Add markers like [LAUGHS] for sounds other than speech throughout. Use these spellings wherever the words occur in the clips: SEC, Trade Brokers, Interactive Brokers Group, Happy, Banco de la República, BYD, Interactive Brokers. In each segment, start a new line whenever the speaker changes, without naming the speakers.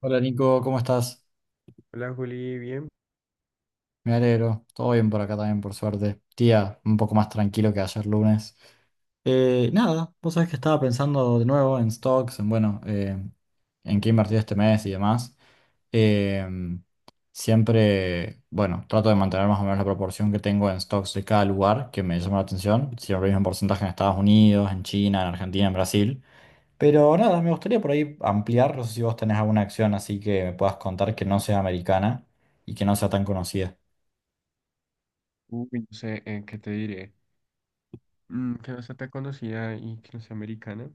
Hola Nico, ¿cómo estás?
Hola Juli, bien.
Me alegro, todo bien por acá también, por suerte. Tía, un poco más tranquilo que ayer lunes. Nada, vos sabés que estaba pensando de nuevo en stocks, en bueno, en qué invertir este mes y demás. Em, Siempre, bueno, trato de mantener más o menos la proporción que tengo en stocks de cada lugar que me llama la atención. Siempre el mismo porcentaje en Estados Unidos, en China, en Argentina, en Brasil. Pero nada, me gustaría por ahí ampliar, no sé si vos tenés alguna acción así que me puedas contar que no sea americana y que no sea tan conocida.
Uy, no sé, ¿qué te diré? Mm, que no sea tan conocida y que no sea americana.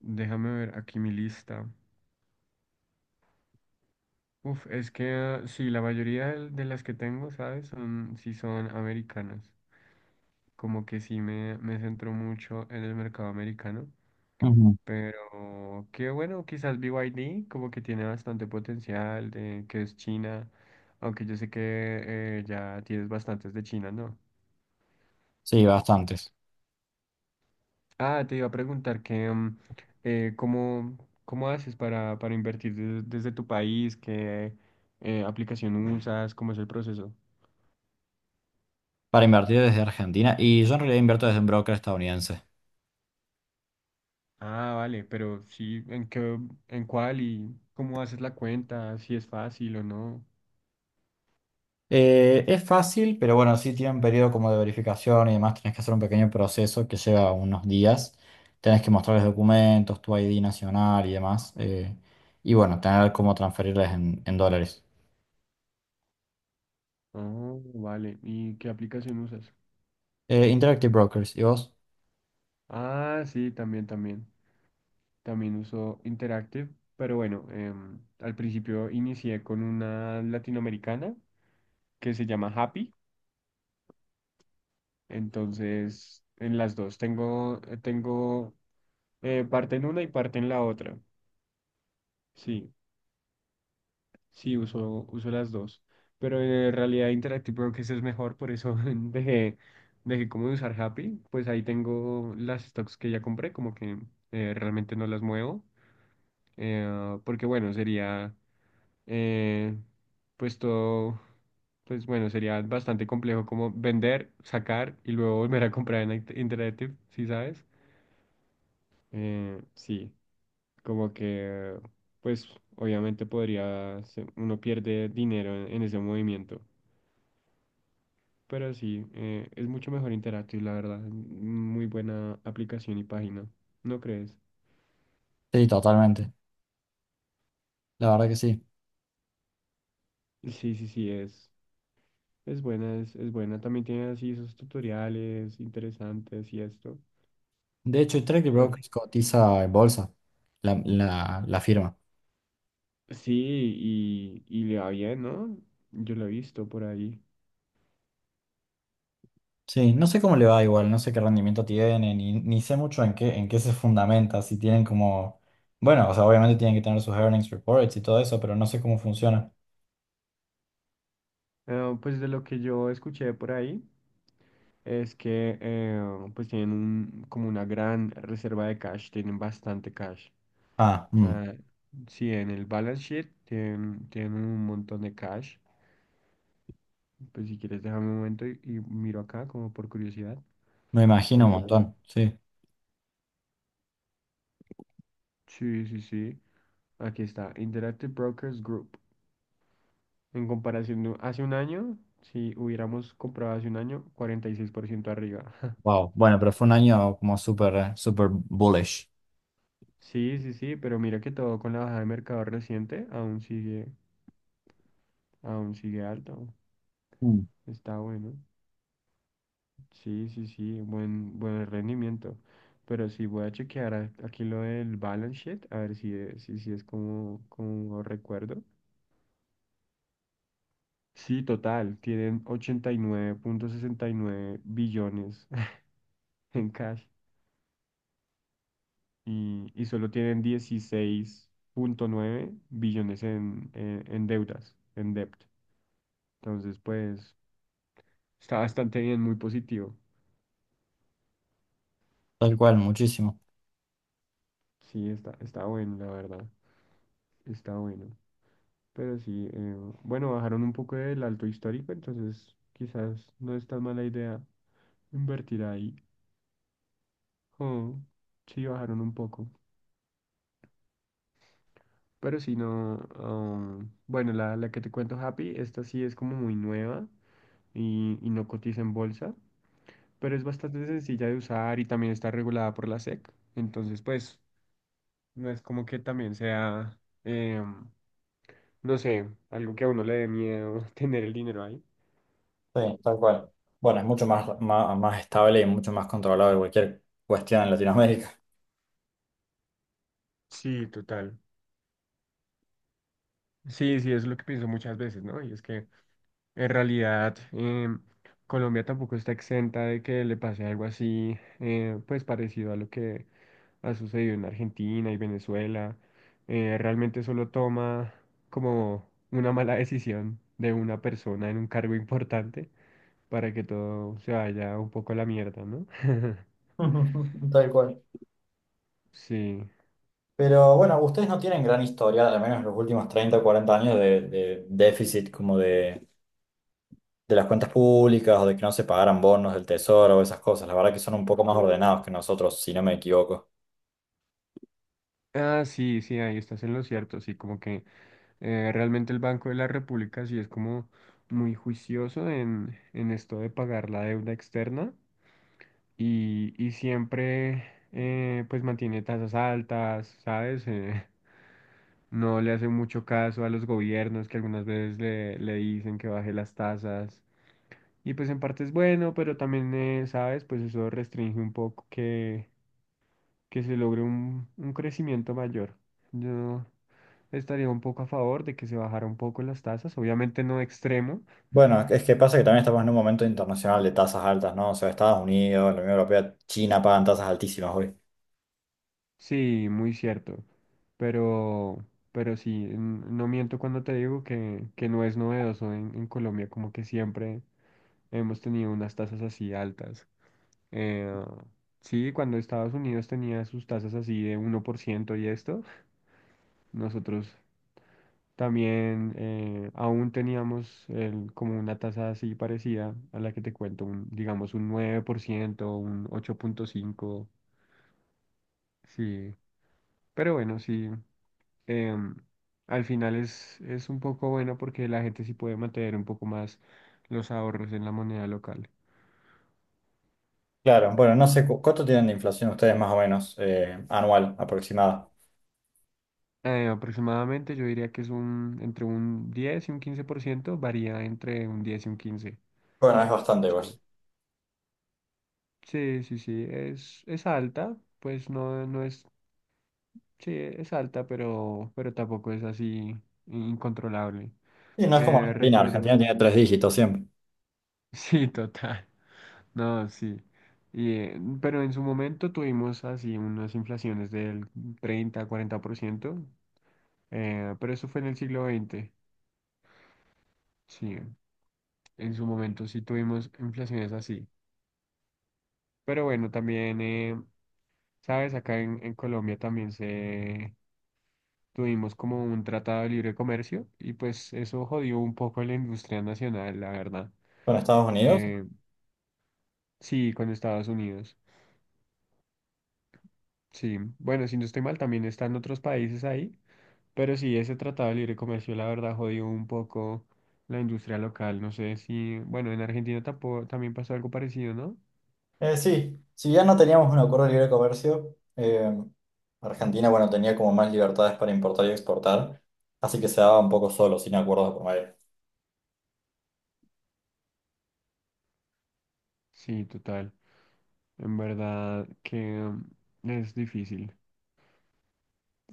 Déjame ver aquí mi lista. Uf, es que ah, sí, la mayoría de las que tengo, ¿sabes? Son, sí son americanas. Como que sí me centro mucho en el mercado americano.
Ujú.
Pero qué bueno, quizás BYD como que tiene bastante potencial de que es China. Aunque yo sé que ya tienes bastantes de China, ¿no?
Sí, bastantes.
Ah, te iba a preguntar que ¿cómo, cómo haces para invertir desde tu país? ¿Qué aplicación usas? ¿Cómo es el proceso?
Para invertir desde Argentina, y yo en realidad invierto desde un broker estadounidense.
Ah, vale, pero sí, ¿en qué, en cuál y cómo haces la cuenta? ¿Si es fácil o no?
Es fácil, pero bueno, sí tiene un periodo como de verificación y demás, tenés que hacer un pequeño proceso que lleva unos días. Tenés que mostrarles documentos, tu ID nacional y demás. Y bueno, tener cómo transferirles en dólares.
Oh, vale. ¿Y qué aplicación usas?
Interactive Brokers, ¿y vos?
Ah, sí, también, también. También uso Interactive, pero bueno, al principio inicié con una latinoamericana que se llama Happy. Entonces, en las dos, tengo parte en una y parte en la otra. Sí, sí, uso, uso las dos. Pero en realidad Interactive Brokers es mejor, por eso [LAUGHS] dejé, dejé como de usar Happy. Pues ahí tengo las stocks que ya compré, como que realmente no las muevo. Porque bueno, sería eh, pues todo, pues bueno, sería bastante complejo como vender, sacar y luego volver a comprar en Interactive, ¿sí sabes? Sí, como que, pues obviamente podría, uno pierde dinero en ese movimiento, pero sí, es mucho mejor Interactive, la verdad, muy buena aplicación y página, ¿no crees?
Sí, totalmente. La verdad que sí.
Sí, sí, sí, es buena, también tiene así sus tutoriales interesantes y esto,
De hecho, Trade
pero
Brokers cotiza en bolsa, la firma.
sí, y le va bien, ¿no? Yo lo he visto por ahí.
Sí, no sé cómo le va igual, no sé qué rendimiento tiene, ni sé mucho en qué se fundamenta, si tienen como... Bueno, o sea, obviamente tienen que tener sus earnings reports y todo eso, pero no sé cómo funciona.
Ah, pues de lo que yo escuché por ahí. Es que pues tienen un, como una gran reserva de cash, tienen bastante cash.
Ah,
O
mm,
sea, sí, en el balance sheet tienen, tienen un montón de cash. Pues si quieres déjame un momento y miro acá como por curiosidad.
Me imagino un
Te-
montón, sí.
sí, sí, sí. Aquí está, Interactive Brokers Group. En comparación de hace un año, si hubiéramos comprado hace un año, 46% arriba. [LAUGHS]
Wow, bueno, pero fue un año como súper, súper bullish.
Sí, sí, sí, pero mira que todo con la bajada de mercado reciente aún sigue. Aún sigue alto.
Mm.
Está bueno. Sí, sí, sí. Buen, buen rendimiento. Pero sí voy a chequear aquí lo del balance sheet. A ver si es, si, si es como, como recuerdo. Sí, total. Tienen ochenta y nueve punto sesenta y nueve billones [LAUGHS] en cash. Y solo tienen 16.9 billones en deudas, en debt. Entonces, pues, está bastante bien, muy positivo.
Tal cual, muchísimo.
Sí, está, está bueno, la verdad. Está bueno. Pero sí, bueno, bajaron un poco del alto histórico, entonces quizás no es tan mala idea invertir ahí. Oh, sí, bajaron un poco. Pero sí, no. Bueno, la que te cuento, Happy, esta sí es como muy nueva y no cotiza en bolsa, pero es bastante sencilla de usar y también está regulada por la SEC. Entonces, pues, no es como que también sea, em, no sé, algo que a uno le dé miedo [LAUGHS] tener el dinero ahí.
Sí, tal cual. Bueno, es mucho más, más, más estable y mucho más controlado que cualquier cuestión en Latinoamérica.
Sí, total. Sí, sí, es lo que pienso muchas veces, ¿no? Y es que en realidad Colombia tampoco está exenta de que le pase algo así, pues parecido a lo que ha sucedido en Argentina y Venezuela. Realmente solo toma como una mala decisión de una persona en un cargo importante para que todo se vaya un poco a la mierda, ¿no? [LAUGHS]
[LAUGHS] Tal cual.
Sí.
Pero bueno, ustedes no tienen gran historia, al menos en los últimos 30 o 40 años, de déficit como de las cuentas públicas o de que no se pagaran bonos del tesoro o esas cosas. La verdad que son un poco más ordenados que nosotros, si no me equivoco.
Ah, sí, sí, ahí estás en lo cierto, sí, como que... Realmente el Banco de la República sí es como muy juicioso en esto de pagar la deuda externa y siempre pues mantiene tasas altas, ¿sabes? [LAUGHS] No le hace mucho caso a los gobiernos que algunas veces le, le dicen que baje las tasas y pues en parte es bueno, pero también, ¿sabes? Pues eso restringe un poco que se logre un crecimiento mayor. Yo estaría un poco a favor de que se bajara un poco las tasas, obviamente no extremo,
Bueno, es que pasa que también estamos en un momento internacional de tasas altas, ¿no? O sea, Estados Unidos, la Unión Europea, China pagan tasas altísimas hoy.
sí, muy cierto, pero, pero sí, no miento cuando te digo que no es novedoso en Colombia, como que siempre hemos tenido unas tasas así altas. Eh, sí, cuando Estados Unidos tenía sus tasas así de 1% y esto, nosotros también aún teníamos como una tasa así parecida a la que te cuento, un, digamos un 9% un 8.5%, sí. Pero bueno, sí, em, al final es un poco bueno porque la gente sí puede mantener un poco más los ahorros en la moneda local.
Claro, bueno, no sé cuánto tienen de inflación ustedes más o menos anual aproximada.
Aproximadamente yo diría que es un, entre un 10 y un 15%, varía entre un 10 y un
Bueno, es bastante,
15%. Sí.
pues.
Sí, sí, sí, es alta, pues no, no es. Sí, es alta, pero tampoco es así incontrolable.
Y no es como Argentina, Argentina
Recuerdo,
tiene tres dígitos siempre.
[LAUGHS] sí, total. No, sí. Y, pero en su momento tuvimos así unas inflaciones del 30, 40%, pero eso fue en el siglo XX. Sí, en su momento sí tuvimos inflaciones así. Pero bueno, también, ¿sabes? Acá en Colombia también se, tuvimos como un tratado de libre comercio y pues eso jodió un poco la industria nacional, la verdad.
Bueno, Estados Unidos.
Eh, sí, con Estados Unidos. Sí, bueno, si no estoy mal, también están otros países ahí, pero sí, ese tratado de libre comercio, la verdad, jodió un poco la industria local. No sé si, bueno, en Argentina tampoco, también pasó algo parecido, ¿no?
Sí, si ya no teníamos un acuerdo de libre comercio, Argentina, bueno, tenía como más libertades para importar y exportar, así que se daba un poco solo, sin acuerdos de por medio.
Sí, total. En verdad que mm, es difícil.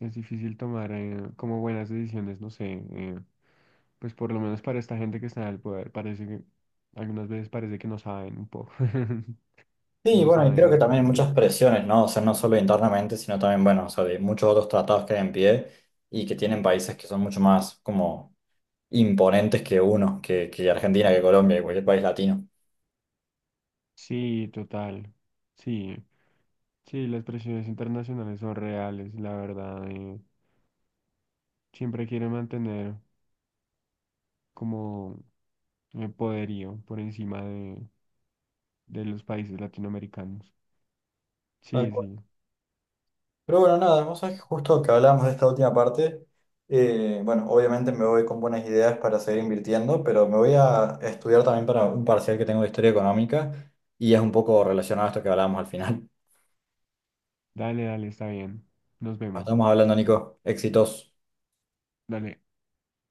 Es difícil tomar como buenas decisiones, no sé. Pues por lo menos para esta gente que está en el poder, parece que algunas veces parece que no saben un poco, [LAUGHS]
Sí,
no
bueno, y
saben
creo que
muy
también hay
bien.
muchas presiones, ¿no? O sea, no solo internamente, sino también, bueno, o sea, de muchos otros tratados que hay en pie y que tienen países que son mucho más como imponentes que uno, que Argentina, que Colombia, que cualquier país latino.
Sí, total. Sí, sí, las presiones internacionales son reales, la verdad. Siempre quieren mantener como el poderío por encima de los países latinoamericanos.
Tal
Sí,
cual.
sí.
Pero bueno, nada, vos sabés
Sí.
que justo que hablábamos de esta última parte, bueno, obviamente me voy con buenas ideas para seguir invirtiendo, pero me voy a estudiar también para un parcial que tengo de historia económica y es un poco relacionado a esto que hablábamos al final.
Dale, dale, está bien. Nos
[LAUGHS]
vemos.
Estamos hablando, Nico, éxitos.
Dale.